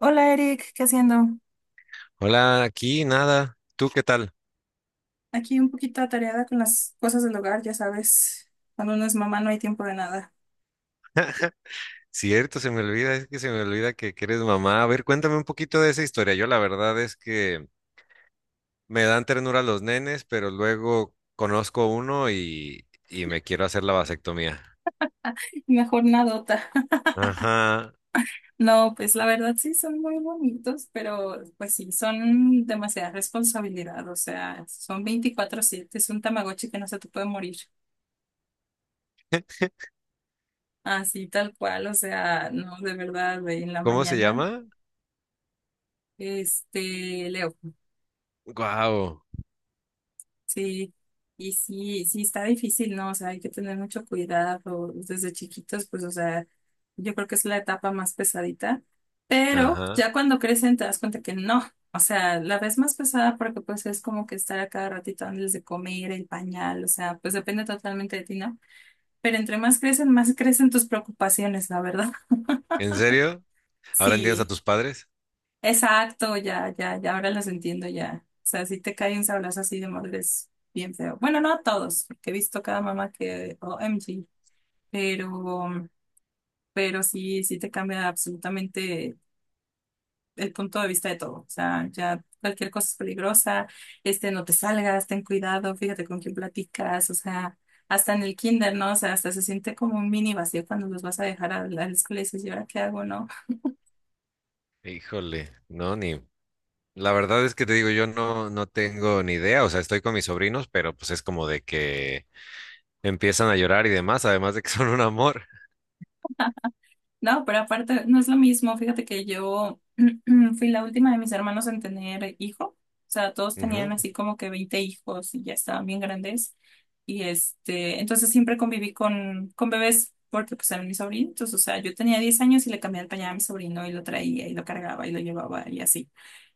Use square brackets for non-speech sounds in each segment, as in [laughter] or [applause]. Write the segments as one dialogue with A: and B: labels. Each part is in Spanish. A: Hola Eric, ¿qué haciendo?
B: Hola, aquí nada. ¿Tú qué tal?
A: Aquí un poquito atareada con las cosas del hogar, ya sabes, cuando uno es mamá no hay tiempo de nada.
B: Cierto, se me olvida, es que se me olvida que eres mamá. A ver, cuéntame un poquito de esa historia. Yo la verdad es que me dan ternura los nenes, pero luego conozco uno y me quiero hacer la vasectomía.
A: [laughs] Mejor nadota.
B: Ajá.
A: No, pues la verdad sí son muy bonitos, pero pues sí, son demasiada responsabilidad, o sea, son 24/7. Es un tamagotchi que no se te puede morir. Así tal cual, o sea, no, de verdad, de en la
B: ¿Cómo se
A: mañana.
B: llama?
A: Le
B: Guau.
A: Sí, y sí, sí está difícil, ¿no? O sea, hay que tener mucho cuidado desde chiquitos, pues, o sea, yo creo que es la etapa más pesadita, pero
B: Ajá.
A: ya cuando crecen te das cuenta que no, o sea, la ves más pesada porque pues es como que estar a cada ratito antes de comer, el pañal, o sea, pues depende totalmente de ti, ¿no? Pero entre más crecen tus preocupaciones, la verdad. [laughs]
B: ¿En serio? ¿Ahora entiendes a
A: Sí.
B: tus padres?
A: Exacto, ya, ya, ya, ahora los entiendo ya. O sea, si te cae un sablazo así de madre es bien feo. Bueno, no a todos, porque he visto cada mamá que, OMG, pero, pero sí, sí te cambia absolutamente el punto de vista de todo. O sea, ya cualquier cosa es peligrosa, no te salgas, ten cuidado, fíjate con quién platicas, o sea, hasta en el kinder, ¿no? O sea, hasta se siente como un mini vacío cuando los vas a dejar a la escuela y dices, ¿y ahora qué hago, no?
B: Híjole, no, ni. La verdad es que te digo, yo no tengo ni idea. O sea, estoy con mis sobrinos, pero pues es como de que empiezan a llorar y demás, además de que [laughs] son un amor.
A: No, pero aparte no es lo mismo. Fíjate que yo [clears throat] fui la última de mis hermanos en tener hijo. O sea, todos tenían
B: Ujú.
A: así como que 20 hijos y ya estaban bien grandes. Y entonces siempre conviví con bebés porque pues eran mis sobrinos. O sea, yo tenía 10 años y le cambiaba el pañal a mi sobrino y lo traía y lo cargaba y lo llevaba y así.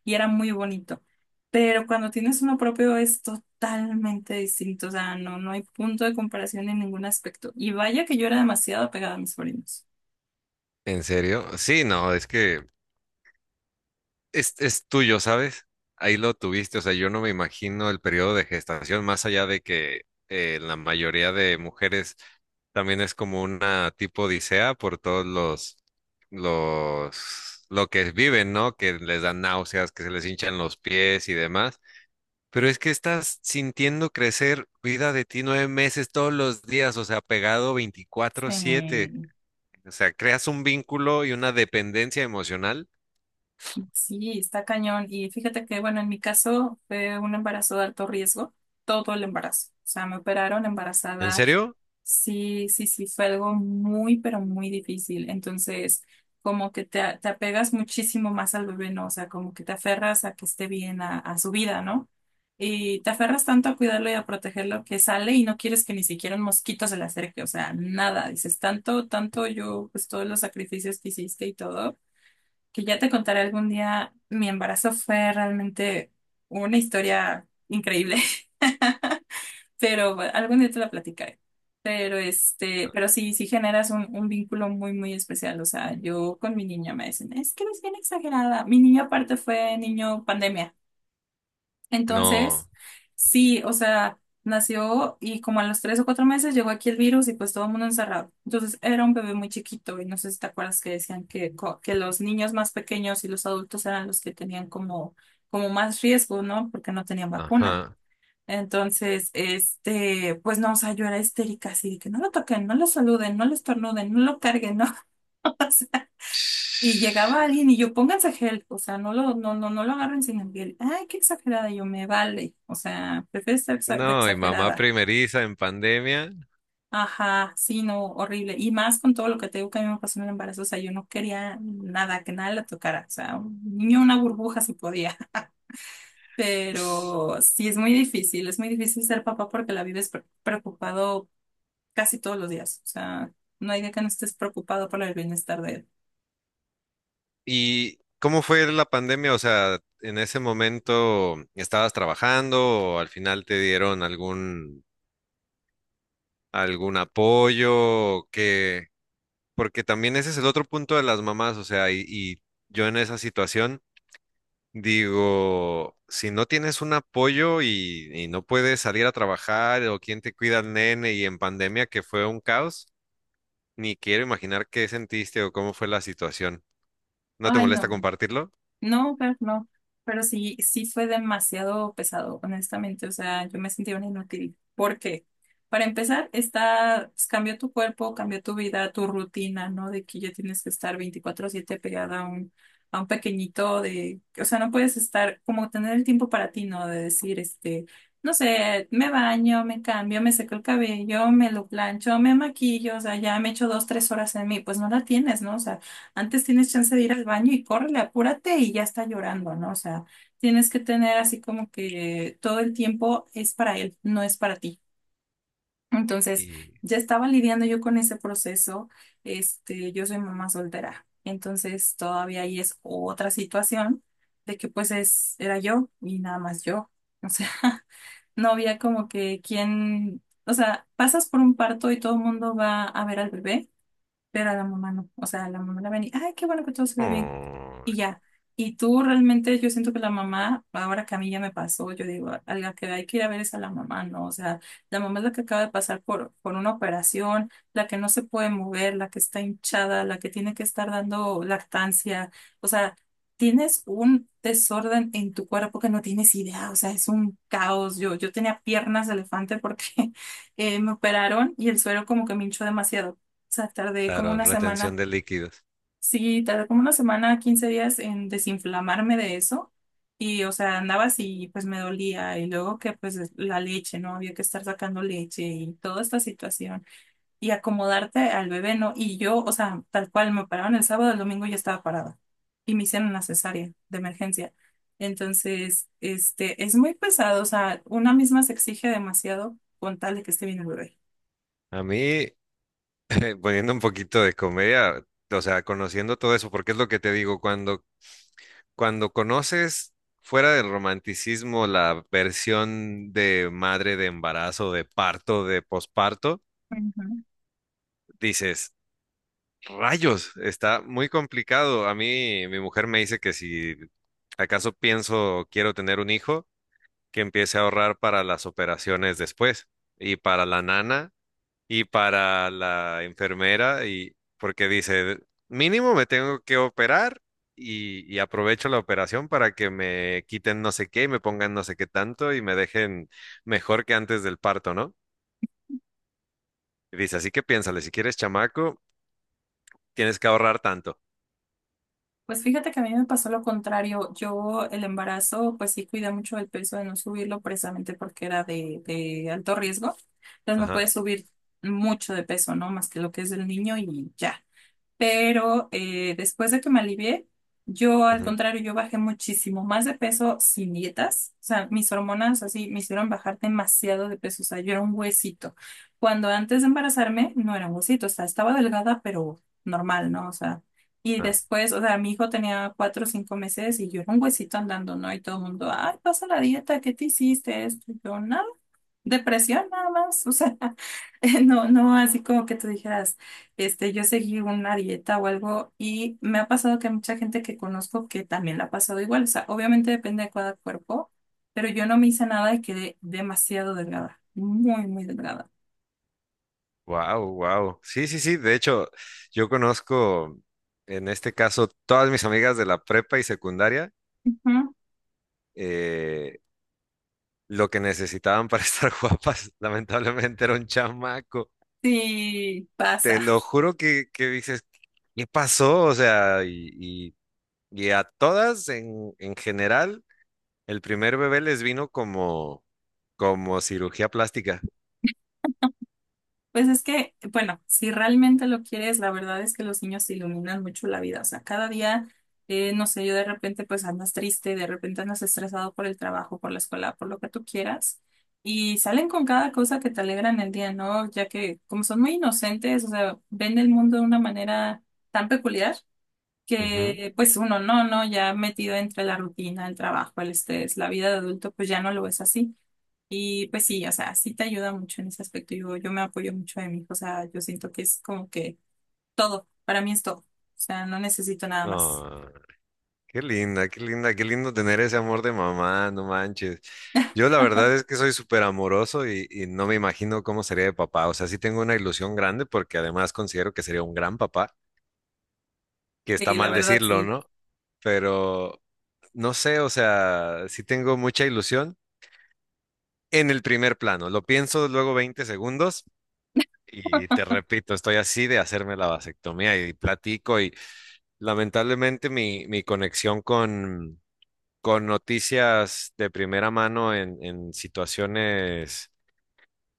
A: Y era muy bonito. Pero cuando tienes uno propio es totalmente distinto, o sea, no, no hay punto de comparación en ningún aspecto. Y vaya que yo era demasiado apegada a mis sobrinos.
B: ¿En serio? Sí, no, es que es tuyo, ¿sabes? Ahí lo tuviste, o sea, yo no me imagino el periodo de gestación, más allá de que la mayoría de mujeres también es como una tipo odisea por todos lo que viven, ¿no? Que les dan náuseas, que se les hinchan los pies y demás. Pero es que estás sintiendo crecer vida de ti 9 meses todos los días, o sea, pegado 24/7.
A: Sí.
B: O sea, creas un vínculo y una dependencia emocional.
A: Sí, está cañón. Y fíjate que, bueno, en mi caso fue un embarazo de alto riesgo, todo el embarazo. O sea, me operaron
B: ¿En
A: embarazada.
B: serio?
A: Sí, sí, sí, fue algo muy, pero muy difícil. Entonces, como que te apegas muchísimo más al bebé, ¿no? O sea, como que te aferras a que esté bien, a su vida, ¿no? Y te aferras tanto a cuidarlo y a protegerlo que sale y no quieres que ni siquiera un mosquito se le acerque. O sea, nada. Dices, tanto, tanto yo, pues todos los sacrificios que hiciste y todo que ya te contaré algún día, mi embarazo fue realmente una historia increíble, [laughs] pero bueno, algún día te la platicaré. Pero pero sí, sí generas un, vínculo muy, muy especial. O sea, yo con mi niña me dicen, es que eres bien exagerada. Mi niño aparte fue niño pandemia.
B: No.
A: Entonces, sí, o sea, nació y como a los 3 o 4 meses llegó aquí el virus y pues todo el mundo encerrado. Entonces era un bebé muy chiquito y no sé si te acuerdas que decían que, que los niños más pequeños y los adultos eran los que tenían como más riesgo, ¿no? Porque no tenían vacuna.
B: Ajá.
A: Entonces, pues no, o sea, yo era histérica, así de que no lo toquen, no lo saluden, no lo estornuden, no lo carguen, ¿no? [laughs] Y llegaba alguien y yo, pónganse gel, o sea, no lo agarren sin el gel. Ay, qué exagerada, yo me vale. O sea, prefiero ser de
B: No, y mamá
A: exagerada.
B: primeriza en pandemia.
A: Ajá, sí, no, horrible. Y más con todo lo que te digo que a mí me pasó en el embarazo, o sea, yo no quería nada, que nada la tocara. O sea, un niño, una burbuja si podía. [laughs] Pero sí, es muy difícil ser papá porque la vives preocupado casi todos los días. O sea, no hay día que no estés preocupado por el bienestar de él.
B: ¿Y cómo fue la pandemia? O sea, en ese momento estabas trabajando o al final te dieron algún apoyo que porque también ese es el otro punto de las mamás, o sea, y yo en esa situación. Digo, si no tienes un apoyo y no puedes salir a trabajar o quién te cuida al nene y en pandemia que fue un caos, ni quiero imaginar qué sentiste o cómo fue la situación. ¿No te
A: Ay,
B: molesta
A: no.
B: compartirlo?
A: No, pero no, pero sí, sí fue demasiado pesado, honestamente. O sea, yo me sentía una inútil. ¿Por qué? Para empezar, pues, cambió tu cuerpo, cambió tu vida, tu rutina, ¿no? De que ya tienes que estar 24/7 pegada a un pequeñito de, o sea, no puedes estar como tener el tiempo para ti, ¿no? De decir, no sé, me baño, me cambio, me seco el cabello, me lo plancho, me maquillo, o sea, ya me echo dos, tres horas en mí, pues no la tienes, ¿no? O sea, antes tienes chance de ir al baño y córrele, apúrate y ya está llorando, ¿no? O sea, tienes que tener así como que todo el tiempo es para él, no es para ti. Entonces,
B: Y...
A: ya estaba lidiando yo con ese proceso. Yo soy mamá soltera. Entonces, todavía ahí es otra situación de que pues era yo y nada más yo. O sea, [laughs] no había como que quien, o sea, pasas por un parto y todo el mundo va a ver al bebé, pero a la mamá no. O sea, la mamá la ven y, ay, qué bueno que todo se ve bien
B: Oh,
A: y ya. Y tú realmente, yo siento que la mamá, ahora que a mí ya me pasó, yo digo, a la que hay que ir a ver es a la mamá, ¿no? O sea, la mamá es la que acaba de pasar por una operación, la que no se puede mover, la que está hinchada, la que tiene que estar dando lactancia. O sea, tienes un desorden en tu cuerpo que no tienes idea, o sea, es un caos. Yo tenía piernas de elefante porque [laughs] me operaron y el suero como que me hinchó demasiado. O sea, tardé como
B: claro,
A: una
B: retención
A: semana.
B: de líquidos.
A: Sí, tardé como una semana, 15 días en desinflamarme de eso. Y, o sea, andaba así y pues me dolía. Y luego que pues la leche, ¿no? Había que estar sacando leche y toda esta situación. Y acomodarte al bebé, ¿no? Y yo, o sea, tal cual, me paraban el sábado, el domingo ya estaba parada. Y me hicieron una cesárea de emergencia. Entonces, es muy pesado. O sea, una misma se exige demasiado con tal de que esté bien el bebé.
B: A mí, [laughs] poniendo un poquito de comedia, o sea, conociendo todo eso, porque es lo que te digo, cuando conoces fuera del romanticismo la versión de madre de embarazo, de parto, de posparto, dices, rayos, está muy complicado. A mí, mi mujer me dice que si acaso pienso quiero tener un hijo, que empiece a ahorrar para las operaciones después y para la nana y para la enfermera y porque dice, mínimo me tengo que operar y aprovecho la operación para que me quiten no sé qué y me pongan no sé qué tanto y me dejen mejor que antes del parto, ¿no? Y dice, así que piénsale, si quieres chamaco, tienes que ahorrar tanto.
A: Pues fíjate que a mí me pasó lo contrario. Yo el embarazo, pues sí cuidé mucho el peso de no subirlo precisamente porque era de alto riesgo. Entonces no
B: Ajá.
A: puedes subir mucho de peso, ¿no? Más que lo que es del niño y ya pero después de que me alivié, yo al
B: Ujú,
A: contrario, yo bajé muchísimo más de peso sin dietas, o sea, mis hormonas así me hicieron bajar demasiado de peso, o sea, yo era un huesito. Cuando antes de embarazarme no era un huesito, o sea, estaba delgada, pero normal, ¿no? O sea, y
B: ajá.
A: después, o sea, mi hijo tenía 4 o 5 meses y yo era un huesito andando, ¿no? Y todo el mundo, ay, pasa la dieta, ¿qué te hiciste esto? Y yo, no. Depresión nada más, o sea, [laughs] no así como que tú dijeras, yo seguí una dieta o algo y me ha pasado que mucha gente que conozco que también la ha pasado igual, o sea, obviamente depende de cada cuerpo, pero yo no me hice nada y quedé demasiado delgada, muy, muy delgada.
B: Wow, wow. Sí, sí, sí. De hecho, yo conozco en este caso todas mis amigas de la prepa y secundaria.
A: Ujú.
B: eh, lo que necesitaban para [laughs] estar guapas, lamentablemente era un chamaco.
A: Sí,
B: Te
A: pasa.
B: lo juro que dices, ¿qué pasó? O sea, y a todas en general, el primer bebé les vino como, como cirugía plástica.
A: Pues es que, bueno, si realmente lo quieres, la verdad es que los niños te iluminan mucho la vida. O sea, cada día, no sé, yo de repente pues andas triste, de repente andas estresado por el trabajo, por la escuela, por lo que tú quieras. Y salen con cada cosa que te alegran el día, ¿no? Ya que como son muy inocentes, o sea, ven el mundo de una manera tan peculiar
B: Ujú.
A: que pues uno no, ya metido entre la rutina, el trabajo, el estrés, la vida de adulto, pues ya no lo ves así. Y pues sí, o sea, sí te ayuda mucho en ese aspecto. Yo me apoyo mucho de mi hijo, o sea, yo siento que es como que todo, para mí es todo. O sea, no necesito nada más.
B: Ah, qué linda, qué linda, qué lindo tener ese amor de mamá, no manches. Yo la verdad es
A: [laughs]
B: que soy súper amoroso y no me imagino cómo sería de papá. O sea, sí tengo una ilusión grande porque además considero que sería un gran papá, que está
A: Sí, la
B: mal
A: verdad
B: decirlo,
A: sí.
B: ¿no? Pero no sé, o sea, sí tengo mucha ilusión en el primer plano. Lo pienso luego 20 segundos y
A: [laughs]
B: te repito, estoy así de hacerme la vasectomía y platico y lamentablemente mi conexión con noticias de primera mano en situaciones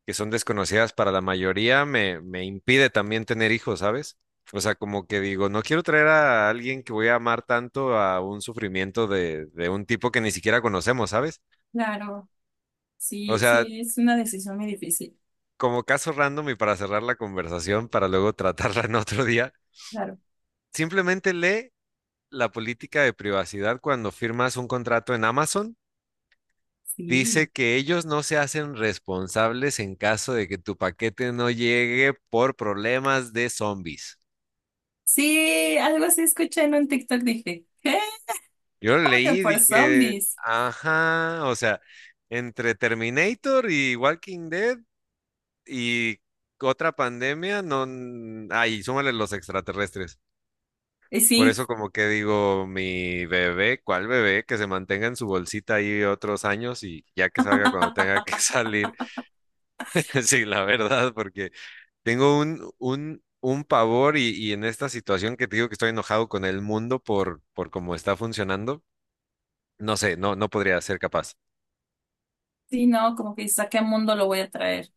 B: que son desconocidas para la mayoría, me impide también tener hijos, ¿sabes? O sea, como que digo, no quiero traer a alguien que voy a amar tanto a un sufrimiento de un tipo que ni siquiera conocemos, ¿sabes?
A: Claro,
B: O
A: sí,
B: sea,
A: sí, es una decisión muy difícil.
B: como caso random y para cerrar la conversación, para luego [laughs] tratarla en otro día,
A: Claro,
B: simplemente lee la política de privacidad cuando firmas un contrato en Amazon.
A: sí.
B: Dice que ellos no se hacen responsables en caso de que tu paquete no llegue por problemas de zombies.
A: Sí, algo así escuché en un TikTok, dije, ¿qué?
B: Yo lo
A: ¿Cómo que
B: leí y
A: por
B: dije,
A: zombies?
B: ajá, o sea, entre Terminator y Walking Dead y otra pandemia, no, n- ay, súmale los extraterrestres.
A: Y
B: Por
A: sí,
B: eso como que digo, mi bebé, ¿cuál bebé? Que se mantenga en su bolsita ahí otros años y ya que salga cuando tenga que [laughs] salir. [laughs] Sí, la verdad, porque tengo un pavor y en esta situación que te digo que estoy enojado con el mundo por cómo está funcionando, no sé, no, no podría ser capaz.
A: sí, no, como que dices, ¿a qué mundo lo voy a traer?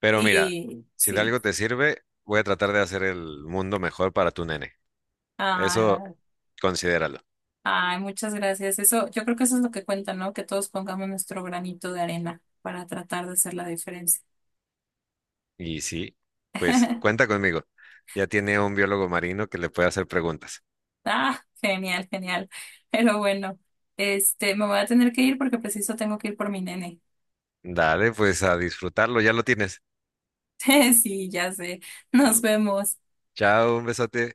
B: Pero mira,
A: Y
B: si de
A: sí,
B: algo te sirve, voy a tratar de hacer el mundo mejor para tu nene. Eso considéralo.
A: Ay, muchas gracias. Eso, yo creo que eso es lo que cuenta, ¿no? Que todos pongamos nuestro granito de arena para tratar de hacer la diferencia.
B: Y sí, pues
A: [laughs]
B: cuenta conmigo. Ya tiene un biólogo marino que le puede hacer preguntas.
A: Ah, genial, genial. Pero bueno, me voy a tener que ir porque preciso tengo que ir por mi nene.
B: Dale, pues a disfrutarlo, ya lo tienes.
A: [laughs] Sí, ya sé. Nos
B: Ah.
A: vemos.
B: Chao, un besote.